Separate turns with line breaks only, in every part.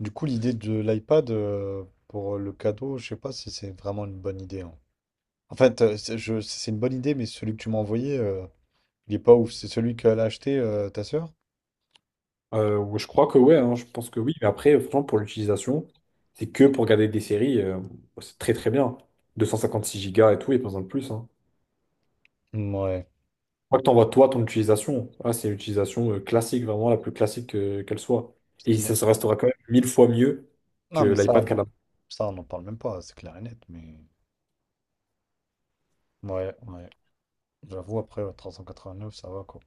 Du coup, l'idée de l'iPad pour le cadeau, je sais pas si c'est vraiment une bonne idée, hein. En fait, c'est une bonne idée, mais celui que tu m'as envoyé, il est pas ouf. C'est celui qu'elle a acheté, ta sœur?
Ouais, je crois que ouais, hein, je pense que oui, mais après, franchement, pour l'utilisation, c'est que pour regarder des séries, bah, c'est très très bien. 256 Go et tout, et pas besoin de plus. Hein.
Ouais.
Je crois que t'envoies toi ton utilisation. Ah, c'est l'utilisation classique, vraiment la plus classique qu'elle soit.
Parce
Et
qu'il
ça
a-
se restera quand même mille fois mieux que
Non, mais ça,
l'iPad
bon,
qu'elle a.
ça, on n'en parle même pas, c'est clair et net. Mais ouais, ouais. J'avoue, après ouais, neuf ça va quoi.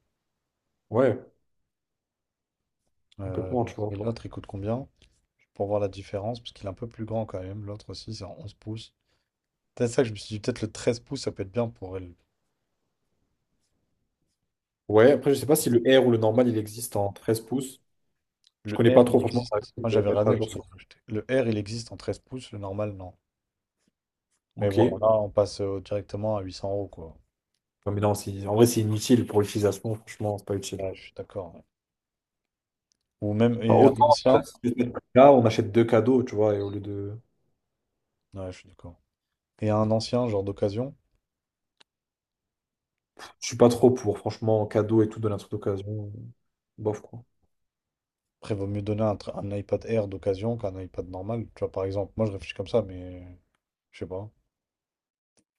Ouais,
Euh,
complètement, tu
et
vois.
l'autre, il coûte combien? Pour voir la différence, parce qu'il est un peu plus grand quand même. L'autre aussi, c'est en 11 pouces. C'est ça que je me suis dit, peut-être le 13 pouces, ça peut être bien pour elle.
Ouais, après, je sais pas si le R ou le normal, il existe en 13 pouces. Je
Le
connais
R,
pas trop,
il
franchement, ça va
existe.
être,
Moi, j'avais
mettre à
regardé parce
jour
que j'ai
ça.
acheté. Le R, il existe en 13 pouces, le normal, non. Mais
Ok.
bon, là, on passe directement à 800 euros, quoi.
Non, mais non, en vrai, c'est inutile pour l'utilisation, franchement, c'est pas utile.
Ouais, je suis d'accord, ouais. Ou même,
Enfin,
et un
autant,
ancien.
si tu veux te mettre là, on achète deux cadeaux, tu vois, et au lieu de.
Ouais, je suis d'accord. Et un ancien, genre d'occasion.
Je suis pas trop pour, franchement, cadeaux et tout, donner un truc d'occasion. Bof, quoi.
Après, vaut mieux donner un iPad Air d'occasion qu'un iPad normal. Tu vois, par exemple, moi, je réfléchis comme ça, mais je sais pas.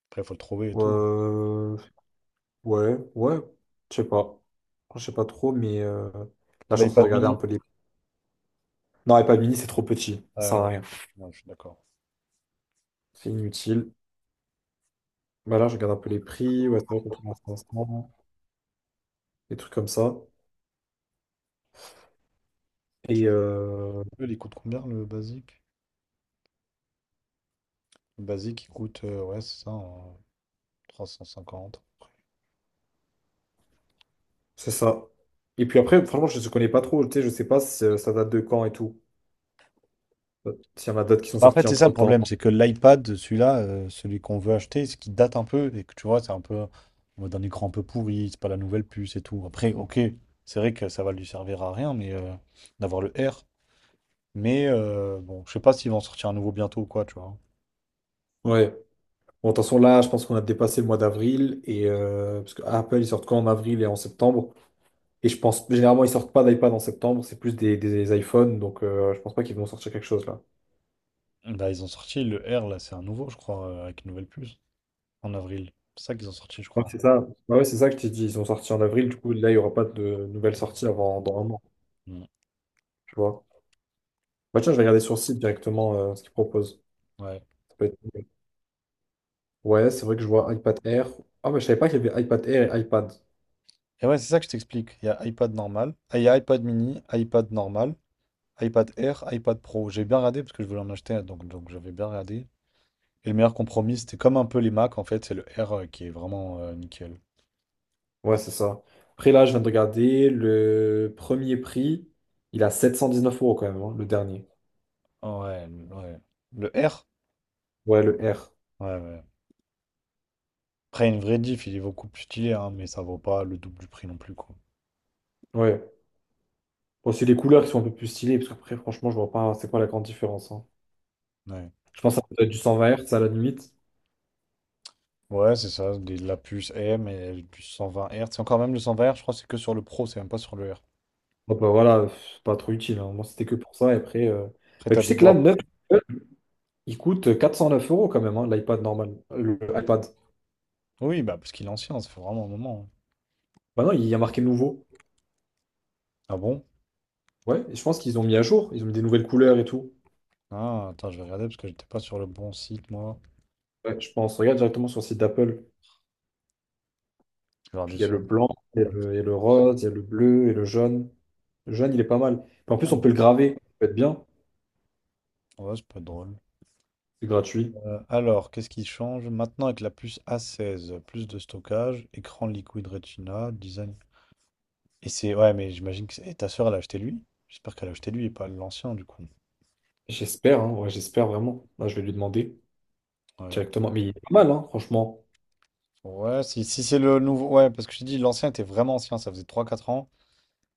Après, il faut le trouver et tout.
Euh, Ouais, ouais, je sais pas. Je sais pas trop, mais là, je
Et
suis en train de
l'iPad
regarder un
mini.
peu les. Non, et pas mini, c'est trop petit. Ça sert à
Ouais,
rien.
ouais, je suis d'accord.
C'est inutile. Bah là, je regarde un peu les prix. Ouais, c'est vrai qu'on trouve à 500, des trucs comme ça.
Tu
Et
vois, il coûte combien le basique? Le basique, il coûte, ouais, c'est ça, en 350.
c'est ça. Et puis après, franchement, je ne connais pas trop. Tu sais, je sais pas si ça date de quand et tout. S'il y en a d'autres qui sont
Bah, en fait,
sortis
c'est ça le
entre-temps.
problème, c'est que l'iPad, celui-là, celui qu'on veut acheter, ce qui date un peu, et que tu vois, c'est un peu en mode un écran un peu pourri, c'est pas la nouvelle puce et tout. Après, ok, c'est vrai que ça va lui servir à rien, mais d'avoir le R. Mais bon, je sais pas s'ils vont en sortir un nouveau bientôt ou quoi, tu vois.
Ouais. Bon, attention, là, je pense qu'on a dépassé le mois d'avril et parce que Apple, ils sortent quand en avril et en septembre. Et je pense, généralement, ils sortent pas d'iPad en septembre, c'est plus des iPhones, donc je pense pas qu'ils vont sortir quelque chose là.
Bah, ils ont sorti le R, là, c'est un nouveau, je crois, avec une nouvelle puce, en avril. C'est ça qu'ils ont sorti, je
Ouais,
crois.
c'est ça. Bah ouais, c'est ça que tu dis. Ils ont sorti en avril, du coup, là, il y aura pas de nouvelles sorties avant dans un an,
Mm.
tu vois. Bah tiens, je vais regarder sur le site directement ce qu'ils proposent.
Ouais.
Ça peut être... Ouais, c'est vrai que je vois iPad Air. Ah, mais je savais pas qu'il y avait iPad Air et iPad.
Et ouais, c'est ça que je t'explique. Il y a iPad normal, ah, il y a iPad mini, iPad normal. iPad Air, iPad Pro. J'ai bien regardé parce que je voulais en acheter un, donc j'avais bien regardé. Et le meilleur compromis, c'était comme un peu les Mac, en fait, c'est le R qui est vraiment nickel.
Ouais, c'est ça. Après, là, je viens de regarder le premier prix, il a 719 € quand même, hein, le dernier.
Ah ouais, ouais. Le R?
Ouais, le R.
Ouais, ouais. Après, une vraie diff, il est beaucoup plus stylé, hein, mais ça vaut pas le double du prix non plus, quoi.
Ouais. Bon, c'est les couleurs qui sont un peu plus stylées, parce qu'après, franchement, je vois pas c'est quoi la grande différence, hein.
Ouais.
Je pense que ça peut être du 120 Hz à la limite.
Ouais, c'est ça, la puce M et la puce 120 Hz. C'est encore même le 120 Hz, je crois, que c'est que sur le Pro, c'est même pas sur le R.
Bon, bah, voilà, pas trop utile, hein. Moi, c'était que pour ça. Et après,
Après,
bah,
t'as
tu
des
sais que là,
bords.
9, il coûte 409 euros quand même, hein, l'iPad normal. Le iPad.
Oui, bah, parce qu'il est ancien, ça fait vraiment un moment, hein.
Bah non, il y a marqué nouveau.
Ah bon?
Ouais, et je pense qu'ils ont mis à jour. Ils ont mis des nouvelles couleurs et tout.
Ah, attends, je vais regarder parce que j'étais pas sur le bon site, moi.
Ouais, je pense. Regarde directement sur le site d'Apple.
Je vais regarder
Puis il y a le
sur.
blanc, il y a le rose, il y a le bleu et le jaune. Le jaune, il est pas mal. Puis en plus,
Ah,
on peut le graver. Ça peut être bien.
ouais, c'est pas drôle.
C'est gratuit.
Alors, qu'est-ce qui change? Maintenant, avec la puce A16, plus de stockage, écran Liquid Retina, design. Et c'est. Ouais, mais j'imagine que. Et ta soeur, elle a acheté lui? J'espère qu'elle a acheté lui et pas l'ancien, du coup.
J'espère, hein, ouais, j'espère vraiment. Là, je vais lui demander
Ouais.
directement. Mais il est pas mal, hein, franchement.
Ouais, si c'est le nouveau. Ouais, parce que je t'ai dit, l'ancien était vraiment ancien, ça faisait trois quatre ans.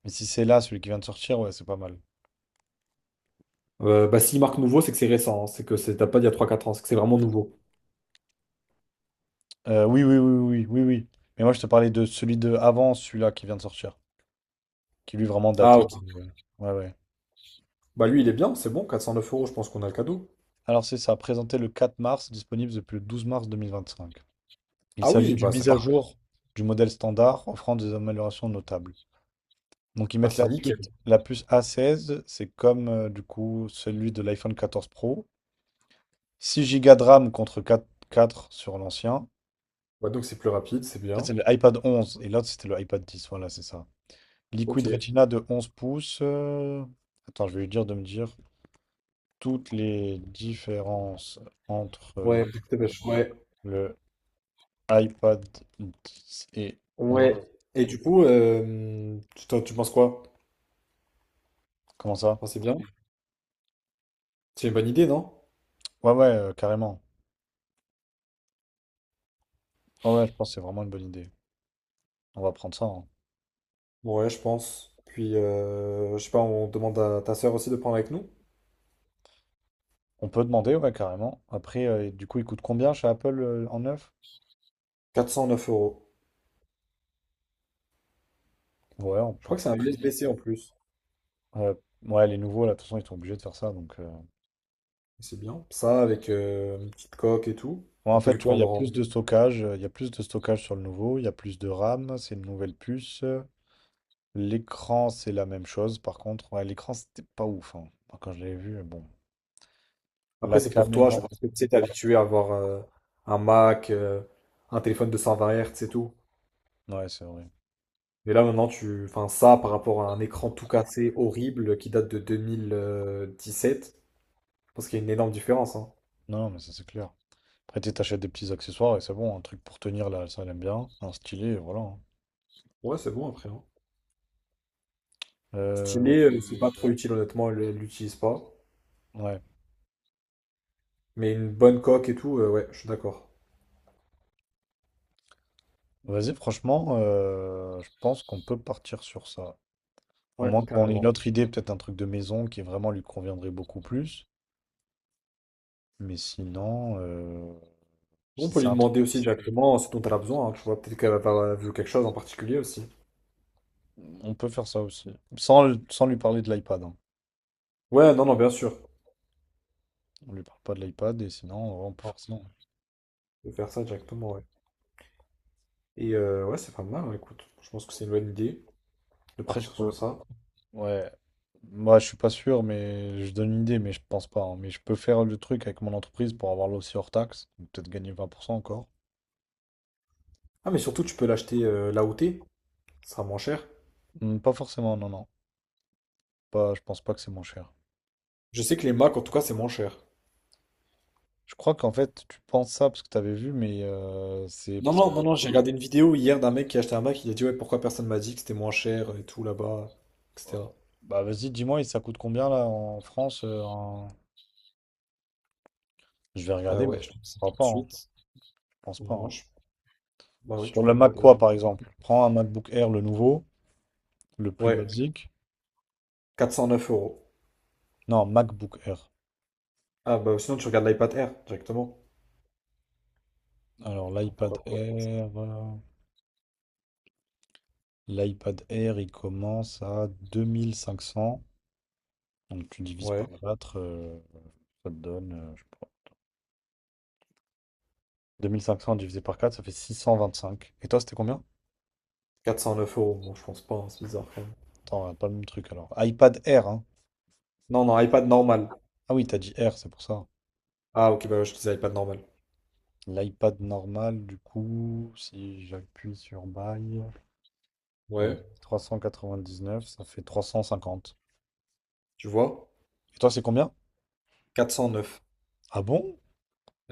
Mais si c'est là, celui qui vient de sortir, ouais, c'est pas mal.
Bah, s'il marque nouveau, c'est que c'est récent, hein. C'est que ça date pas d'il y a trois quatre ans. C'est que c'est vraiment nouveau.
Oui, oui, oui, oui, oui, oui. Mais moi, je te parlais de celui de avant, celui-là qui vient de sortir. Qui lui, est vraiment
Ah,
daté.
ok.
de- Ouais, ouais.
Bah, lui, il est bien. C'est bon. 409 euros, je pense qu'on a le cadeau.
Alors, c'est ça, présenté le 4 mars, disponible depuis le 12 mars 2025. Il
Ah
s'agit
oui,
d'une
bah, c'est
mise à
parfait.
jour du modèle standard, offrant des améliorations notables. Donc ils
Ah,
mettent
c'est
la puce,
nickel.
la puce A16, c'est comme du coup celui de l'iPhone 14 Pro. 6 Go de RAM contre 4 4 sur l'ancien. En
Bah, donc, c'est plus rapide. C'est
fait,
bien.
c'est le iPad 11 et l'autre c'était le iPad 10, voilà, c'est ça.
Ok.
Liquid Retina de 11 pouces. Attends, je vais lui dire de me dire toutes les différences
Ouais,
entre
je te
euh,
pêche, ouais,
le iPad 10 et 11.
ouais. Et du coup, tu penses quoi?
Comment ça?
Enfin, c'est bien. C'est une bonne idée, non?
Ouais, ouais, carrément. Ah ouais, je pense que c'est vraiment une bonne idée. On va prendre ça, hein.
Ouais, je pense. Puis, je sais pas, on demande à ta sœur aussi de prendre avec nous.
On peut demander, ouais, carrément. Après, du coup, il coûte combien chez Apple en neuf?
409 euros.
Ouais, on
Je
peut.
crois que c'est un USB-C en plus.
Ouais, ouais, les nouveaux, là, de toute façon, ils sont obligés de faire ça. Donc.
C'est bien. Ça, avec une petite coque et tout,
Ouais, en
on peut
fait,
lui
tu vois, il y a
prendre en...
plus de stockage. Il y a plus de stockage sur le nouveau. Il y a plus de RAM. C'est une nouvelle puce. L'écran, c'est la même chose. Par contre, ouais, l'écran, c'était pas ouf, hein. Moi, quand je l'avais vu, bon.
Après,
La
c'est pour toi,
caméra.
je pense que tu sais, t'es habitué à avoir un Mac, un téléphone de 120 Hz et tout.
Ouais, c'est vrai.
Mais là, maintenant, tu... Enfin, ça, par rapport à un écran tout cassé, horrible, qui date de 2017, je pense qu'il y a une énorme différence, hein.
Non, mais ça, c'est clair. Après, tu sais, t'achètes des petits accessoires et c'est bon. Un truc pour tenir, là, ça, elle aime bien. Un stylet, et voilà, hein.
Ouais, c'est bon après, hein.
Euh,
Stylé, c'est pas trop utile, honnêtement, elle l'utilise pas.
Ouais.
Mais une bonne coque et tout, ouais, je suis d'accord.
Vas-y, franchement, je pense qu'on peut partir sur ça. À
Ouais,
moins qu'on ait une
carrément.
autre idée, peut-être un truc de maison qui vraiment lui conviendrait beaucoup plus. Mais sinon,
On
si
peut
c'est
lui
un truc,
demander aussi directement ce dont elle a besoin, hein, tu vois, peut-être qu'elle va avoir vu quelque chose en particulier aussi.
on peut faire ça aussi. Sans lui parler de l'iPad, hein.
Ouais, non, non, bien sûr.
On lui parle pas de l'iPad et sinon, ouais, on peut
On
faire ça.
peut faire ça directement, ouais. Et ouais, c'est pas mal, hein, écoute. Je pense que c'est une bonne idée de
Après, je
partir
peux.
sur ça.
Ouais. Moi, je suis pas sûr, mais je donne une idée, mais je pense pas, hein. Mais je peux faire le truc avec mon entreprise pour avoir là aussi hors taxe. Donc peut-être gagner 20% encore.
Ah, mais surtout, tu peux l'acheter là où t'es. Ça sera moins cher.
Pas forcément, non, non. Pas, je pense pas que c'est moins cher.
Je sais que les Mac, en tout cas, c'est moins cher.
Je crois qu'en fait, tu penses ça parce que tu avais vu, mais c'est
Non,
parce que.
non, non, non, j'ai regardé une vidéo hier d'un mec qui a acheté un Mac. Il a dit, ouais, pourquoi personne m'a dit que c'était moins cher et tout là-bas,
Oh, oh,
etc.
bah vas-y, dis-moi, et ça coûte combien là en France Je vais regarder, mais
Ouais, je
je
te dis ça
crois
tout de
pas, hein. Je
suite.
pense pas,
Moi,
hein.
je... Bah oui, tu
Sur le
peux
Mac
regarder,
quoi,
oui.
par exemple? Prends un MacBook Air, le nouveau, le plus
Ouais,
basique.
409 euros.
Non, MacBook Air.
Ah, bah sinon, tu regardes l'iPad Air directement.
Alors,
Enfin,
l'iPad
pourquoi pas?
Air. L'iPad Air, il commence à 2 500. Donc, tu divises
Ouais,
par 4, ça te donne, je sais pas. 2 500 divisé par 4, ça fait 625. Et toi, c'était combien?
409 euros. Bon, je pense pas, hein, c'est bizarre quand même.
Attends, on pas le même truc alors. iPad Air, hein.
Non, non, iPad normal.
Ah oui, t'as dit Air, c'est pour ça.
Ah, ok, bah ouais, je disais iPad normal.
L'iPad normal, du coup, si j'appuie sur Buy, euh,
Ouais,
neuf ça fait 350.
tu vois,
Et toi, c'est combien?
409.
Ah bon?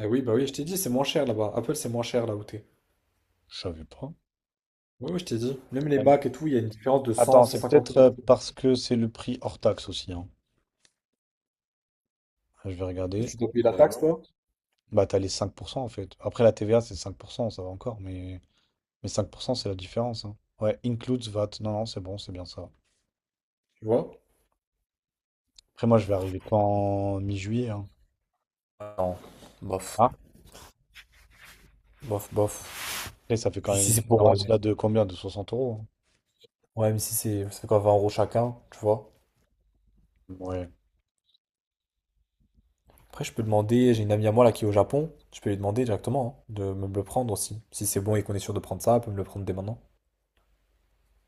Eh oui, bah oui, je t'ai dit, c'est moins cher là-bas. Apple, c'est moins cher là où t'es.
Je savais pas.
Oui, oui, je t'ai dit. Même les
Ah bon.
Mac et tout, il y a une différence de 100
Attends, c'est
150
peut-être
euros.
parce que c'est le prix hors taxe aussi, hein. Je vais
Et
regarder.
tu dois payer la, ouais, taxe, toi,
Bah, t'as les 5% en fait. Après, la TVA, c'est 5%, ça va encore, mais 5%, c'est la différence, hein. Ouais, includes VAT. Non, non, c'est bon, c'est bien ça.
tu vois?
Après, moi, je vais arriver qu'en mi-juillet, hein.
Non, bof,
Ah.
bof, bof.
Après ça fait quand
Puis
même
si
une
c'est pour...
différence là de combien? De 60 euros?
ouais, mais si c'est... Ça fait quoi, 20 € chacun, tu vois?
Ouais.
Après, je peux demander... J'ai une amie à moi là qui est au Japon. Je peux lui demander directement, hein, de me le prendre aussi. Si c'est bon et qu'on est sûr de prendre ça, elle peut me le prendre dès maintenant.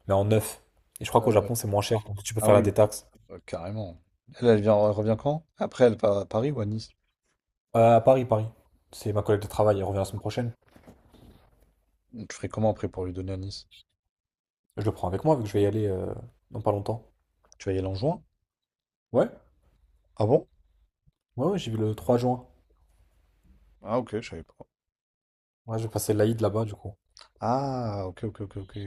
Mais en neuf. Et je crois qu'au
Euh,
Japon, c'est moins cher. Donc tu peux
ah
faire la
oui,
détaxe.
carrément. Elle, elle revient quand? Après, elle part à Paris ou à Nice?
À Paris, Paris. C'est ma collègue de travail, elle revient la semaine prochaine.
Tu ferais comment après pour lui donner à Nice?
Je le prends avec moi, vu que je vais y aller dans pas longtemps.
Tu vas y aller en juin?
Ouais,
Ah bon?
ouais, ouais, j'y vais le 3 juin.
Ah ok, je savais pas.
Ouais, je vais passer l'Aïd là-bas, du coup.
Ah ok, ok, ok, ok.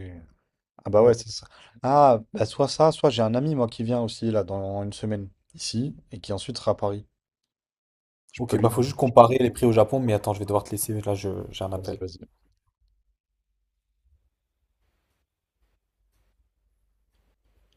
Ah bah ouais,
Ouais.
c'est ça. Ah, bah soit ça, soit j'ai un ami moi qui vient aussi là dans une semaine ici et qui ensuite sera à Paris. Je peux
Ok,
lui
bah faut
donner.
juste comparer les prix au Japon, mais attends, je vais devoir te laisser, là, j'ai un
Vas-y,
appel.
vas-y.